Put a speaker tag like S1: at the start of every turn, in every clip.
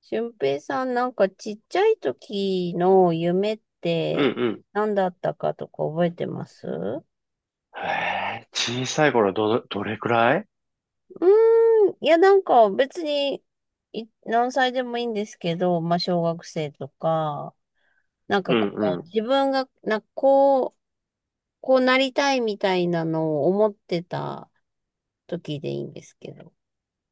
S1: 俊平さん、なんかちっちゃい時の夢っ
S2: うん
S1: て
S2: うん。
S1: 何だったかとか覚えてます？
S2: へえ。小さい頃どれくらい？
S1: いや、なんか別にい何歳でもいいんですけど、まあ小学生とか、なん
S2: う
S1: か
S2: ん。
S1: こ
S2: う
S1: う
S2: ん。
S1: 自分がなんかこう、こうなりたいみたいなのを思ってた時でいいんですけど、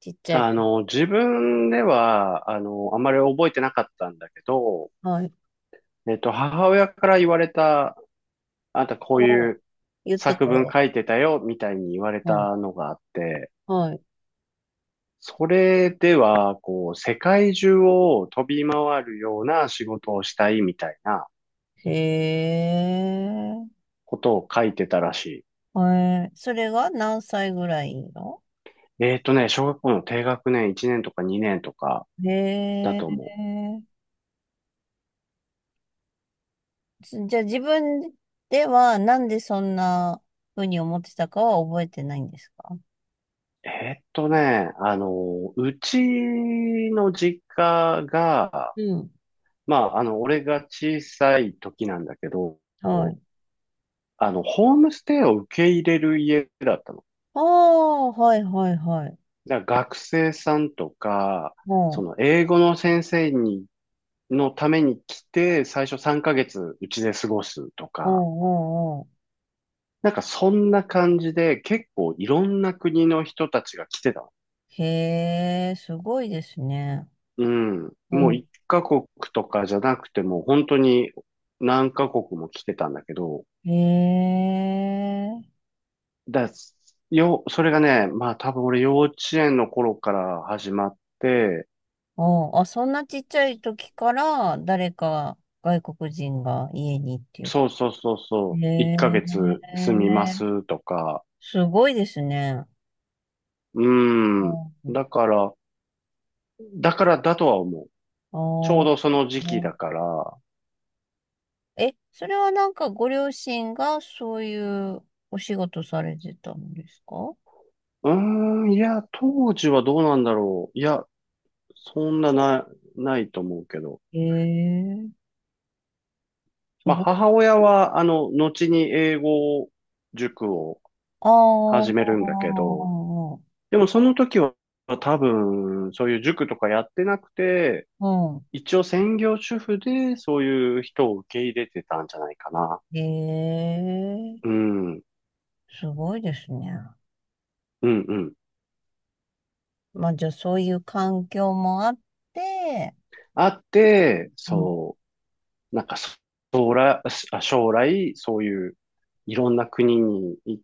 S1: ちっちゃい子。
S2: 自分では、あまり覚えてなかったんだけど、
S1: はい。
S2: 母親から言われた、あんたこうい
S1: お。
S2: う
S1: 言って
S2: 作
S1: た
S2: 文
S1: よ。
S2: 書いてたよ、みたいに言われ
S1: うん。
S2: たのがあって、
S1: はい。
S2: それでは、こう、世界中を飛び回るような仕事をしたい、みたいな
S1: へえ。
S2: ことを書いてたらし
S1: えー、それが何歳ぐらいの？
S2: い。小学校の低学年1年とか2年とか
S1: へ
S2: だと
S1: え。
S2: 思う。
S1: じゃあ自分ではなんでそんな風に思ってたかは覚えてないんですか？
S2: うちの実家が、
S1: うん。
S2: まあ、俺が小さい時なんだけど、
S1: はい。
S2: ホームステイを受け入れる家だったの。
S1: ああ、はいはいはい。
S2: だから学生さんとか、
S1: おう
S2: そ
S1: ん、
S2: の、英語の先生に、のために来て、最初3ヶ月うちで過ごすと
S1: おう
S2: か、
S1: ん、おうん、おう
S2: なんかそんな感じで、結構いろんな国の人たちが来てたの。
S1: ん。へえ、すごいですね。
S2: うん。
S1: お
S2: もう
S1: う
S2: 一カ国とかじゃなくても、本当に何カ国も来てたんだけど、
S1: ん。へえ。
S2: だ、それがね、まあ多分俺幼稚園の頃から始まって、
S1: おうあ、そんなちっちゃい時から誰か外国人が家にっていう。
S2: そうそうそうそう、
S1: へ
S2: 1ヶ月住みま
S1: え。
S2: すとか。
S1: すごいですね。
S2: うん。
S1: うん。
S2: だから、だからだとは思う。ちょう
S1: あ
S2: どその時期だ
S1: あ。
S2: から。
S1: え、それはなんかご両親がそういうお仕事されてたんですか？
S2: うーん、いや、当時はどうなんだろう。いや、そんなな、ないと思うけど。
S1: ええ、す
S2: まあ、
S1: ごい。
S2: 母親は、後に英語塾を
S1: あ
S2: 始め
S1: あ、
S2: るんだけど、でもその時は多分、そういう塾とかやってなくて、
S1: う
S2: 一応専業主婦でそういう人を受け入れてたんじゃないかな。
S1: ん。
S2: う
S1: ええ、
S2: ん、うん、
S1: すごいですね。
S2: うん。
S1: まあじゃあそういう環境もあって、
S2: あって、
S1: うん。
S2: そう、なんかそ将来、あ将来、そういういろんな国に行っ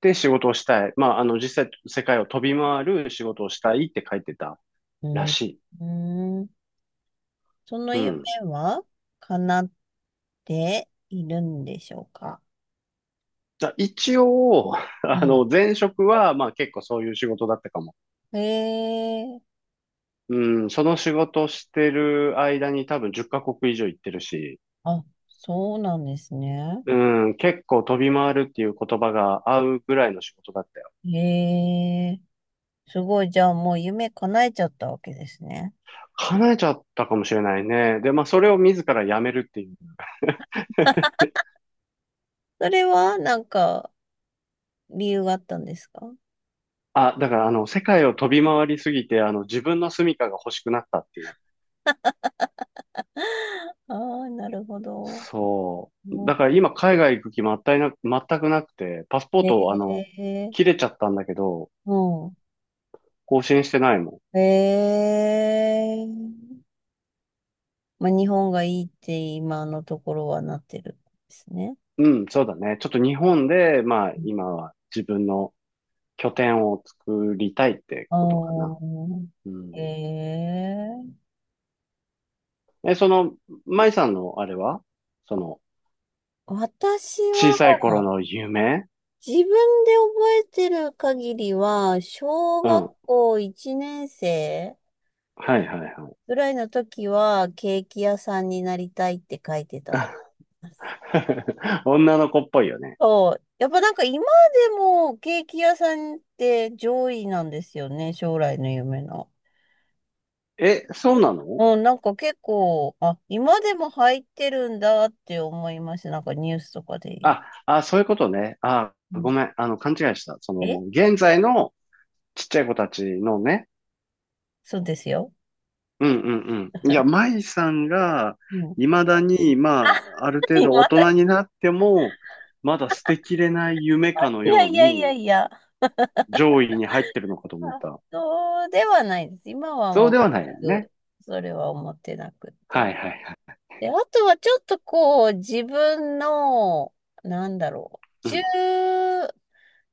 S2: て仕事をしたい。まあ、実際世界を飛び回る仕事をしたいって書いてた
S1: う
S2: ら
S1: ん、
S2: しい。
S1: うん、その
S2: う
S1: 夢
S2: ん。
S1: は叶っているんでしょうか？
S2: じゃあ一応、
S1: は
S2: 前職は、まあ結構そういう仕事だったかも。
S1: い。ええ、
S2: うん、その仕事してる間に多分10カ国以上行ってるし、
S1: あ、そうなんですね。
S2: うん、結構飛び回るっていう言葉が合うぐらいの仕事だったよ。
S1: へえ、すごい。じゃあもう夢叶えちゃったわけですね。
S2: 叶えちゃったかもしれないね。で、まあそれを自ら辞めるっていう。
S1: それはなんか理由があったんですか？
S2: あ、だから世界を飛び回りすぎて、自分の住処が欲しくなったっていう。
S1: ああー、なるほど。
S2: そ
S1: う
S2: う。だから今海外行く気全くなくて、パスポー
S1: ん。へ
S2: ト、
S1: え、
S2: 切れちゃったんだけど、
S1: うん。
S2: 更新してないも
S1: へえ、まあ、日本がいいって今のところはなってるんですね。
S2: ん。うん、そうだね。ちょっと日本で、まあ、今は自分の拠点を作りたいって
S1: ああ
S2: ことかな。
S1: ー、
S2: うん。
S1: へえ。
S2: え、舞さんのあれはその、
S1: 私
S2: 小
S1: は、
S2: さい頃の夢？
S1: 自分で覚えてる限りは、小
S2: う
S1: 学
S2: ん。
S1: 校1年生
S2: はいはいはい。
S1: ぐらいの時は、ケーキ屋さんになりたいって書いてたと思います。
S2: 女の子っぽいよね。
S1: そう。やっぱなんか今でもケーキ屋さんって上位なんですよね、将来の夢の。
S2: え、そうなの？
S1: うん、なんか結構、あ、今でも入ってるんだって思いました。なんかニュースとかで言う。
S2: あ、そういうことね。あ、
S1: う
S2: ご
S1: ん。
S2: めん。勘違いした。そ
S1: え、
S2: の、現在のちっちゃい子たちのね。
S1: そうですよ。
S2: うんうんうん。いや、舞さんが、
S1: うん、
S2: 未だに、まあ、ある 程
S1: 今
S2: 度大
S1: だ、
S2: 人になっても、まだ捨てきれない夢かの
S1: いや
S2: よう
S1: いやいや
S2: に、
S1: いや。
S2: 上位に入ってるのかと
S1: あ、
S2: 思った。
S1: そうではないです。今は
S2: そう
S1: もう
S2: ではないよ
S1: 全
S2: ね。
S1: くそれは思ってなく
S2: は
S1: て。
S2: いはいはい。
S1: で、あとはちょっとこう、自分の、なんだろう、
S2: う
S1: 中、
S2: ん。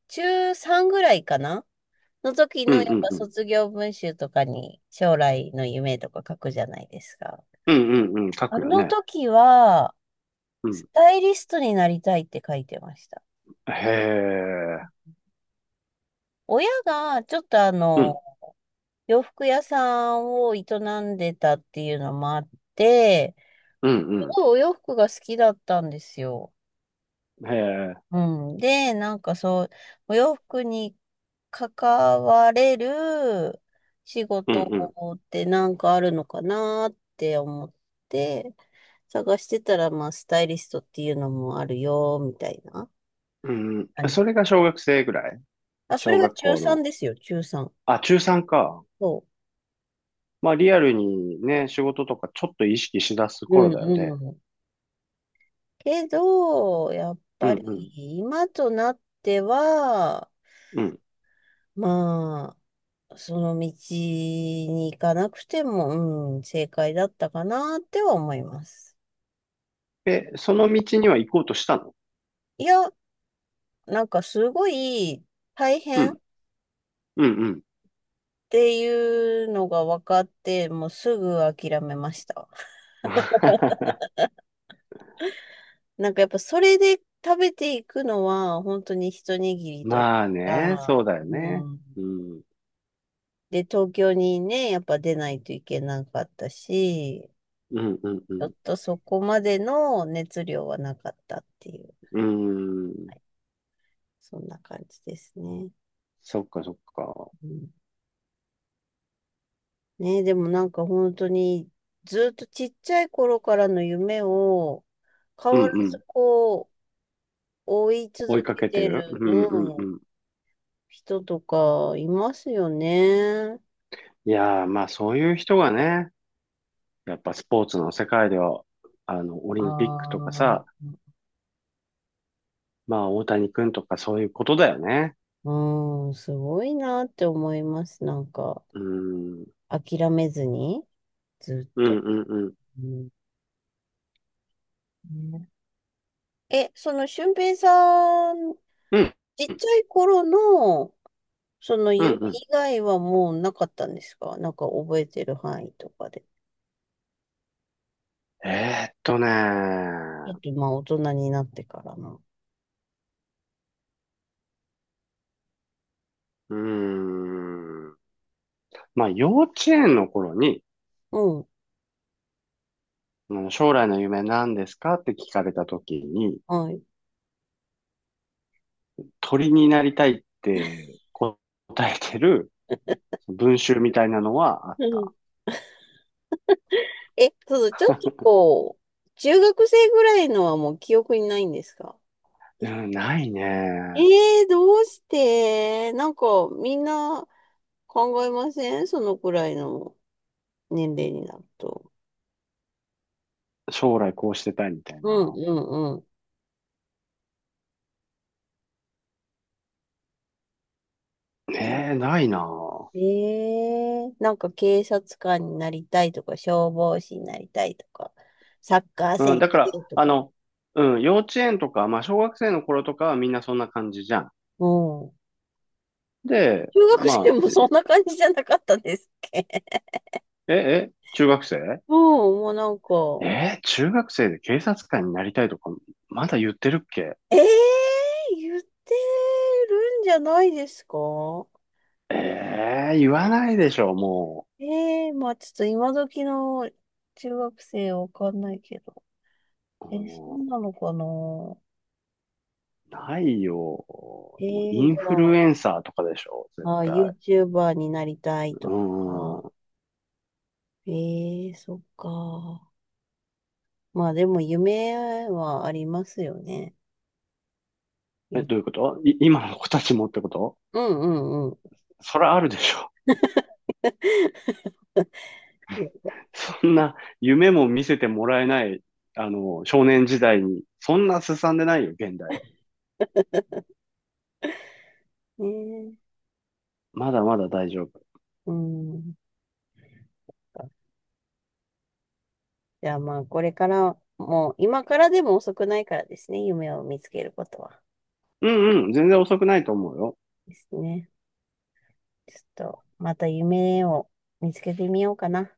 S1: 中3ぐらいかなの時
S2: うん
S1: の
S2: う
S1: やっ
S2: ん
S1: ぱ
S2: うん。
S1: 卒業文集とかに将来の夢とか書くじゃないですか。
S2: うんうんうん。書
S1: あ
S2: くよ
S1: の
S2: ね。
S1: 時は、
S2: う
S1: ス
S2: ん。
S1: タイリストになりたいって書いてました。
S2: へえ。
S1: 親がちょっとあ
S2: うん。
S1: の、洋服屋さんを営んでたっていうのもあって、
S2: うん
S1: お洋服が好きだったんですよ。
S2: うん。へえ。
S1: うん。で、なんかそう、お洋服に関われる仕
S2: うん
S1: 事
S2: うん。
S1: 法ってなんかあるのかなって思って、探してたら、まあ、スタイリストっていうのもあるよ、みたいな
S2: うんうん。
S1: 感じ。
S2: それが小学生ぐらい。
S1: あ、それ
S2: 小
S1: が
S2: 学
S1: 中
S2: 校
S1: 3
S2: の。
S1: ですよ、中3。
S2: あ、中3か。
S1: そ
S2: まあ、リアルにね、仕事とかちょっと意識しだす
S1: う。う
S2: 頃
S1: ん
S2: だよ
S1: う
S2: ね。
S1: ん。けど、やっ
S2: う
S1: ぱり、
S2: ん
S1: 今となっては、
S2: うん。
S1: まその道に行かなくても、うん、正解だったかなっては思います。
S2: え、その道には行こうとしたの？
S1: いや、なんかすごい大
S2: う
S1: 変っ
S2: ん。うん、うん。
S1: ていうのが分かって、もうすぐ諦めました。なんかやっぱそれで食べていくのは本当に一握りという
S2: まあね、
S1: か、
S2: そうだよね。
S1: うん。
S2: うん。
S1: で、東京にね、やっぱ出ないといけなかったし、
S2: うん、うん、う
S1: ちょっ
S2: ん。
S1: とそこまでの熱量はなかったっていう、
S2: うーん。
S1: そんな感じですね。
S2: そっか、そっか。
S1: うん。ねえ、でもなんか本当にずっとちっちゃい頃からの夢を変
S2: うん、
S1: わら
S2: う
S1: ず
S2: ん。
S1: こう追い
S2: 追
S1: 続
S2: いか
S1: け
S2: けて
S1: て
S2: る。う
S1: る、
S2: ん、うん、
S1: うん、
S2: うん。
S1: 人とかいますよね。
S2: いやー、まあそういう人がね、やっぱスポーツの世界では、オ
S1: あ
S2: リンピックとか
S1: あ、
S2: さ、まあ大谷くんとかそういうことだよね。
S1: うん、すごいなって思います。なんか
S2: うーん。
S1: 諦めずにずっ
S2: うん、う
S1: と。
S2: ん、うん。
S1: うん。ねえ、その俊平さん、
S2: うん、
S1: ちっちゃい頃のその
S2: うん、
S1: 夢
S2: うん。
S1: 以外はもうなかったんですか？なんか覚えてる範囲とかで。
S2: えーっとね
S1: あ
S2: ー。
S1: と、まあ、大人になってからな。
S2: うーん。まあ、幼稚園の頃に、
S1: うん。
S2: うん将来の夢何ですかって聞かれた時に、
S1: はい。
S2: 鳥になりたいって答えてる文集みたいなのはあっ
S1: うん。
S2: た。
S1: え、そうちょっとこう、中学生ぐらいのはもう記憶にないんですか？
S2: うん、ない
S1: え
S2: ね。
S1: えー、どうしてなんか、みんな考えません？そのくらいの年齢になると。
S2: 将来こうしてたいみたい
S1: うん、
S2: な。
S1: うん、うん。
S2: ねえ、ないな。
S1: ええー、なんか警察官になりたいとか、消防士になりたいとか、サッカー
S2: うん、
S1: 選
S2: だから、
S1: 手とか。
S2: 幼稚園とか、まあ、小学生の頃とかはみんなそんな感じじゃん。
S1: うん。
S2: で、
S1: 中学生
S2: まあ、
S1: もそんな感じじゃなかったですっけ？
S2: え、え、中学生
S1: うん、もうなんか、
S2: 中学生で警察官になりたいとか、まだ言ってるっけ？
S1: ええ言ってるんじゃないですか？
S2: ええ言わないでしょ、も
S1: ええ、まあちょっと今時の中学生わかんないけど。
S2: う。
S1: えー、そう
S2: うん、
S1: なのかな？
S2: ないよ。もう
S1: え
S2: イ
S1: え、じ
S2: ンフル
S1: ゃ
S2: エンサーとかでしょ、絶
S1: あ、あ、
S2: 対。
S1: YouTuber になりたい
S2: う
S1: とか。
S2: ん。
S1: ええ、そっか。まあでも夢はありますよね。
S2: え、
S1: ゆ
S2: どういうこと？今の子たちもってこと？
S1: うんうんうん。
S2: それあるでしょ。そん夢も見せてもらえない、少年時代に。そんなすさんでないよ、現代は。
S1: ねえ。
S2: まだまだ大丈夫。
S1: うん。じゃあまあ、これからもう、今からでも遅くないからですね、夢を見つけることは。
S2: うんうん、全然遅くないと思うよ。
S1: ですね。ちょっと、また夢を見つけてみようかな。